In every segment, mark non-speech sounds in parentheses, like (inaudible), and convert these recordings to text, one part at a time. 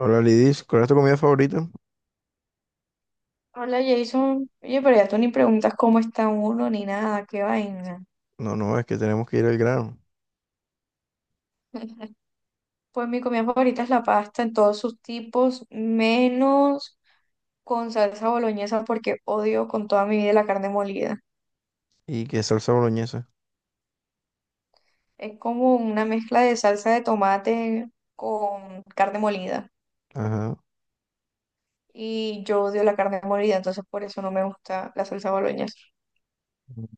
Hola Lidis, ¿cuál es tu comida favorita? Hola Jason, oye, pero ya tú ni preguntas cómo está uno ni nada, qué vaina. No, no, es que tenemos que ir al grano. (laughs) Pues mi comida favorita es la pasta en todos sus tipos, menos con salsa boloñesa porque odio con toda mi vida la carne molida. ¿Y que salsa boloñesa? Es como una mezcla de salsa de tomate con carne molida. Ajá. Y yo odio la carne molida, entonces por eso no me gusta la salsa boloñesa. Ujú.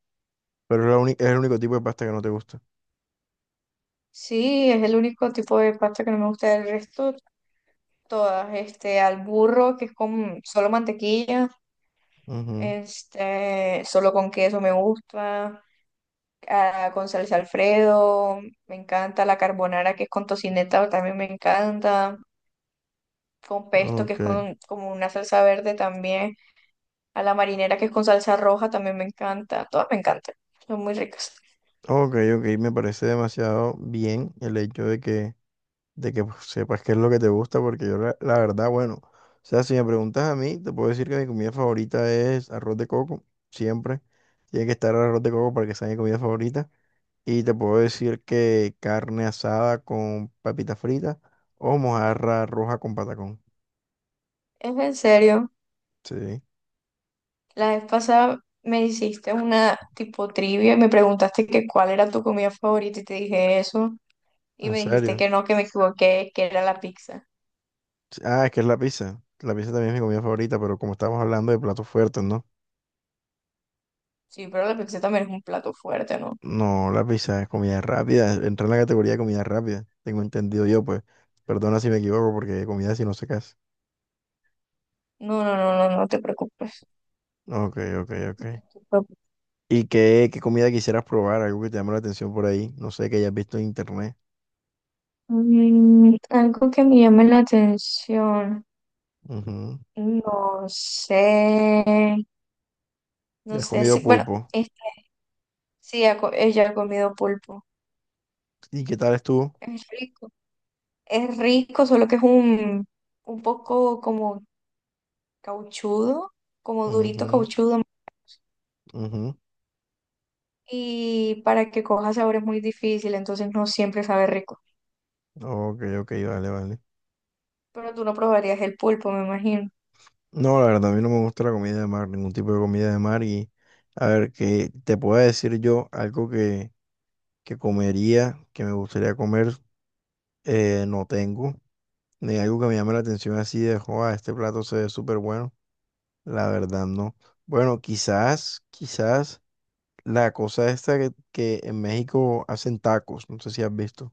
Pero es, es el único tipo de pasta que no te gusta. Sí, es el único tipo de pasta que no me gusta. Del resto, todas. Al burro, que es con solo mantequilla. Ujú. Este, solo con queso me gusta, ah, con salsa Alfredo, me encanta la carbonara que es con tocineta, también me encanta, con pesto que es Ok. con como una salsa verde también, a la marinera que es con salsa roja también me encanta, todas me encantan, son muy ricas. Ok, ok. Me parece demasiado bien el hecho de que pues, sepas qué es lo que te gusta, porque yo, la verdad, bueno, o sea, si me preguntas a mí, te puedo decir que mi comida favorita es arroz de coco, siempre. Tiene que estar el arroz de coco para que sea mi comida favorita. Y te puedo decir que carne asada con papita frita o mojarra roja con patacón. ¿Es en serio? Sí, La vez pasada me hiciste una tipo trivia y me preguntaste que cuál era tu comida favorita y te dije eso y en me dijiste serio. que no, que me equivoqué, que era la pizza. Sí, ah, es que es la pizza. La pizza también es mi comida favorita, pero como estamos hablando de platos fuertes, ¿no? Sí, pero la pizza también es un plato fuerte, ¿no? No, la pizza es comida rápida. Entra en la categoría de comida rápida. Tengo entendido yo, pues. Perdona si me equivoco, porque comida si no se casa. No, no, no, no, no te preocupes. Ok, ok, ok. No te preocupes. ¿Y qué comida quisieras probar? Algo que te llame la atención por ahí. No sé, que hayas visto en internet. Mm, algo que me llame la atención. Ujú. No sé. No ¿Ya has sé comido si, bueno, pulpo? es- sí, ella ha comido pulpo. ¿Y qué tal estuvo? Es rico. Es rico, solo que es un poco como cauchudo, como durito Ujú. cauchudo, Ujú. y para que coja sabor es muy difícil, entonces no siempre sabe rico. Ok, ok, vale, vale. Pero tú no probarías el pulpo, me imagino. No, la verdad, a mí no me gusta la comida de mar, ningún tipo de comida de mar. Y a ver, que te pueda decir yo algo que comería, que me gustaría comer, no tengo. Ni algo que me llame la atención así de, joa, este plato se ve súper bueno. La verdad, no. Bueno, quizás, quizás la cosa esta que en México hacen tacos, no sé si has visto.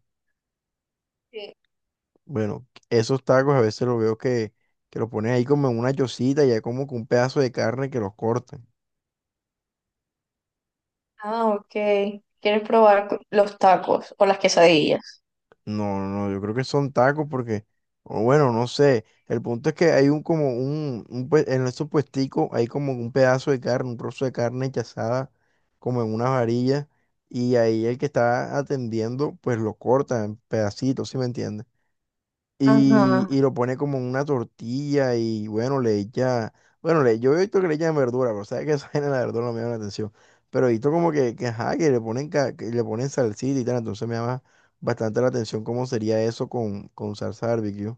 Sí. Bueno, esos tacos a veces los veo que los ponen ahí como en una yosita y hay como que un pedazo de carne que los cortan. Ah, ok. ¿Quieres probar los tacos o las quesadillas? No, no, no, yo creo que son tacos porque, o bueno, no sé. El punto es que hay un en esos puesticos hay como un pedazo de carne, un trozo de carne que asada como en una varilla y ahí el que está atendiendo pues lo corta en pedacitos, ¿sí me entiendes? y, Ajá. y lo pone como en una tortilla y bueno, le echa, bueno, le, yo he visto que le echan verdura, pero sabes que esa (laughs) vaina la verdura no me llama la atención, pero he visto como ajá, que le ponen salsita y tal, entonces me llama bastante la atención cómo sería eso con salsa barbecue.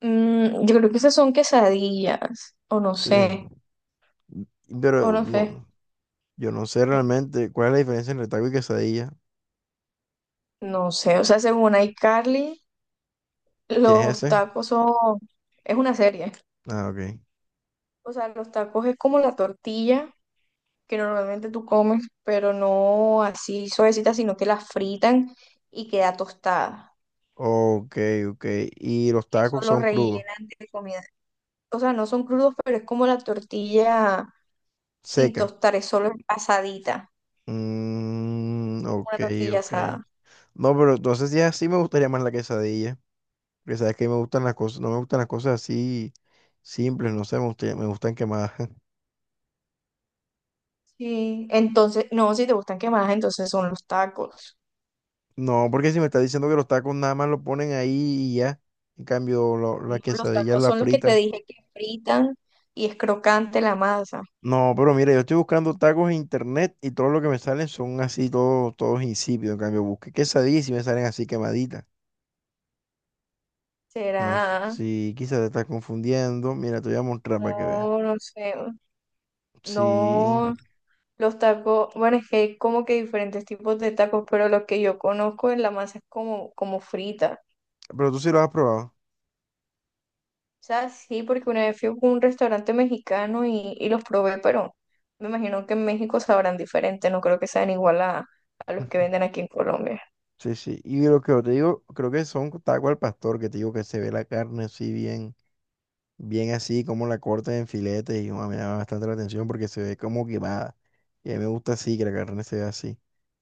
Mm, yo creo que esas son quesadillas, Sí, o pero no sé, no, yo no sé N- realmente cuál es la diferencia entre taco y quesadilla, no sé, o sea, según iCarly, ¿qué es los ese? tacos son, es una serie, Ah, ok. o sea, los tacos es como la tortilla que normalmente tú comes, pero no así suavecita, sino que la fritan y queda tostada. Ok, ok, ¿y los Y eso tacos lo son crudos, rellenan de comida. O sea, no son crudos, pero es como la tortilla sin seca? tostar, es solo asadita, Mm, como ok, una tortilla ok. asada. No, pero entonces ya sí me gustaría más la quesadilla. Porque sabes que me gustan las cosas, no me gustan las cosas así simples, no sé, me gustan quemadas. (laughs) Sí, entonces, no, si te gustan quemadas, entonces son los tacos. No, porque si me estás diciendo que los tacos nada más lo ponen ahí y ya. En cambio, No, las los quesadillas tacos las son los que te fritan. dije que fritan y es crocante la masa. No, pero mira, yo estoy buscando tacos en internet y todo lo que me salen son así, todos insípidos. En cambio, busqué quesadillas y sí me salen así quemaditas. No, Será, sí, quizás te estás confundiendo. Mira, te voy a mostrar para que veas. no, no sé, Sí. no, Los tacos, bueno, es que hay como que diferentes tipos de tacos, pero los que yo conozco en la masa es como, como frita. Pero tú sí lo has probado. O sea, sí, porque una vez fui a un restaurante mexicano y los probé, pero me imagino que en México sabrán diferente, no creo que sean igual a los que (laughs) venden aquí en Colombia. Sí, sí. Y lo que yo te digo, creo que son tacos al pastor, que te digo que se ve la carne así bien, bien así, como la cortan en filetes, y uah, me llama bastante la atención porque se ve como quemada. Y a mí me gusta así, que la carne se ve así.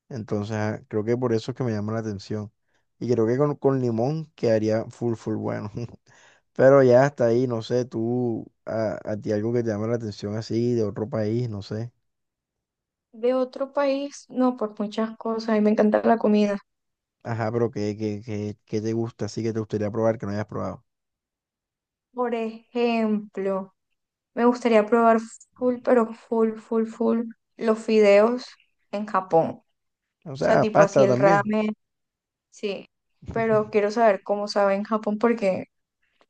Entonces, ah, creo que por eso es que me llama la atención. Y creo que con limón quedaría full, full bueno. (laughs) Pero ya hasta ahí, no sé, a ti algo que te llama la atención así, de otro país, no sé. De otro país, no, pues muchas cosas, a mí me encanta la comida. Ajá, pero ¿qué te gusta así que te gustaría probar que no hayas probado? Por ejemplo, me gustaría probar full, pero full los fideos en Japón. O O sea, sea, tipo así pasta el también. ramen, sí. Pero quiero (laughs) saber cómo sabe en Japón porque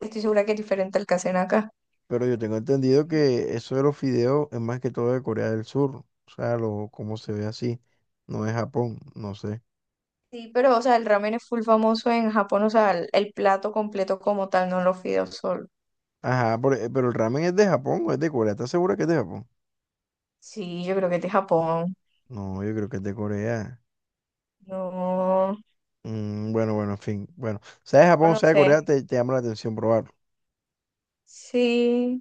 estoy segura que es diferente al que hacen acá. Pero yo tengo entendido que eso de los fideos es más que todo de Corea del Sur. O sea, lo, como se ve así. No es Japón, no sé. Sí, pero o sea, el ramen es full famoso en Japón, o sea, el plato completo como tal, no los fideos solo. Ajá, pero el ramen es de Japón o es de Corea. ¿Estás segura que es de Japón? Sí, yo creo que es de Japón. No, yo creo que es de Corea. No, Mm, bueno, bueno, en fin. Bueno, sea de o Japón no sea de Corea, sé. te llama la atención probarlo. Sí,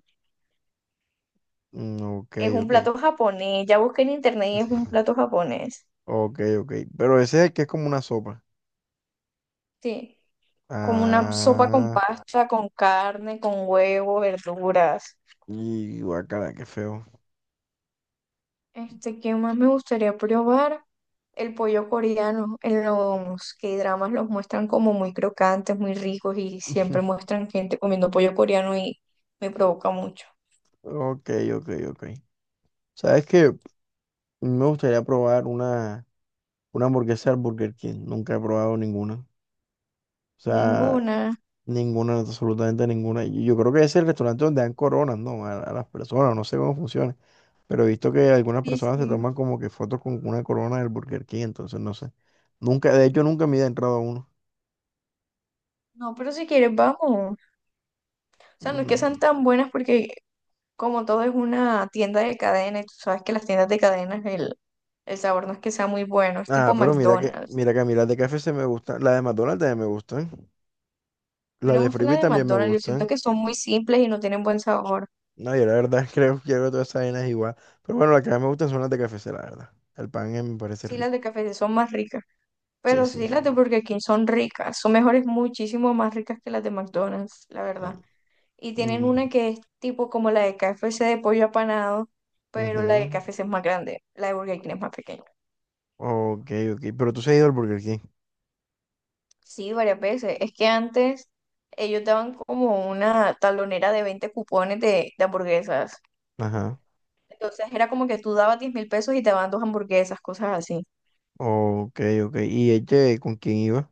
Mm, ok, es un ok. plato japonés. Ya busqué en internet y es un plato japonés. Ok, ok. Pero ese es el que es como una sopa. Sí. Como una sopa con Ah, pasta, con carne, con huevo, verduras. y guacala, qué feo. Este, ¿qué más me gustaría probar? El pollo coreano. En los K-dramas los muestran como muy crocantes, muy ricos y siempre (laughs) muestran gente comiendo pollo coreano y me provoca mucho. Ok, ok, ok. ¿Sabes qué? Me gustaría probar una hamburguesa del Burger King. Nunca he probado ninguna. O sea, Ninguna. ninguna, absolutamente ninguna. Y yo creo que es el restaurante donde dan coronas, ¿no? A las personas, no sé cómo funciona. Pero he visto que algunas Sí, personas se sí. toman como que fotos con una corona del Burger King, entonces no sé. Nunca, de hecho, nunca me he entrado a uno. No, pero si quieres, vamos. O sea, no es que Mm. sean tan buenas porque como todo es una tienda de cadena y tú sabes que las tiendas de cadenas el sabor no es que sea muy bueno, es Ah, tipo pero McDonald's. mira que a mí las de KFC me gustan. Las de McDonald's también me gustan. A mí Las no me de gustan las Freebie de también me McDonald's, yo siento gustan. que son muy simples y no tienen buen sabor. No, yo la verdad (laughs) creo que hago todas esas vainas igual. Pero bueno, las que más me gustan son las de KFC, la verdad. El pan me parece Sí, las de rico. KFC son más ricas, Sí, pero sí, sí las de sí. Burger King son ricas, son mejores, muchísimo más ricas que las de McDonald's, la Mm, verdad. Y tienen mm, una que es tipo como la de KFC de pollo apanado, ujú. pero la de KFC es más grande, la de Burger King es más pequeña. Ok, ok. Pero tú se has ido al Burger King. Sí, varias veces. Es que antes ellos daban como una talonera de 20 cupones de hamburguesas. Ajá. Entonces era como que tú dabas 10.000 pesos y te daban dos hamburguesas, cosas así. Ok, ok. ¿Y este con quién iba?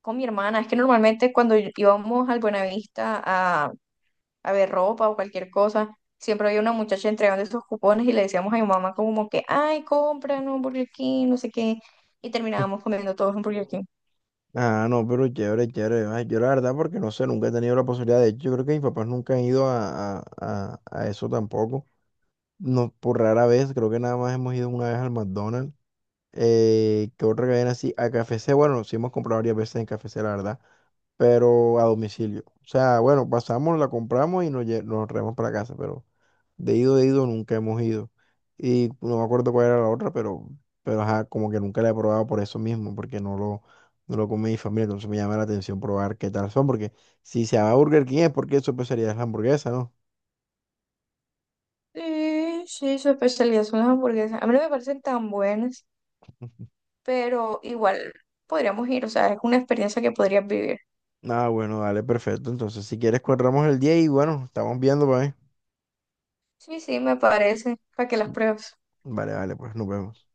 Con mi hermana. Es que normalmente cuando íbamos al Buenavista a ver ropa o cualquier cosa, siempre había una muchacha entregando esos cupones y le decíamos a mi mamá como que, ay, cómpranos un Burger King, no sé qué. Y terminábamos (laughs) comiendo todos un Burger King. Ah, no, pero chévere, chévere. Ay, yo la verdad, porque no sé, nunca he tenido la posibilidad. De hecho, yo creo que mis papás nunca han ido a eso tampoco. No, por rara vez, creo que nada más hemos ido una vez al McDonald's. ¿Qué otra cadena así? A KFC, bueno, sí hemos comprado varias veces en KFC, la verdad, pero a domicilio. O sea, bueno, pasamos, la compramos y nos traemos para casa, pero de ido nunca hemos ido. Y no me acuerdo cuál era la otra, pero ajá, como que nunca la he probado por eso mismo, porque no lo come mi familia, entonces me llama la atención probar qué tal son, porque si se llama Burger King es porque eso pues sería la hamburguesa, ¿no? Sí, sí, su especialidad son las hamburguesas. A mí no me parecen tan buenas, pero igual podríamos ir, o sea, es una experiencia que podrías vivir. Ah, bueno, dale, perfecto. Entonces, si quieres, cuadramos el día y bueno, estamos viendo, pues. ¿Eh? Sí, sí, me parece, para que las pruebes. Vale, vale, pues nos vemos.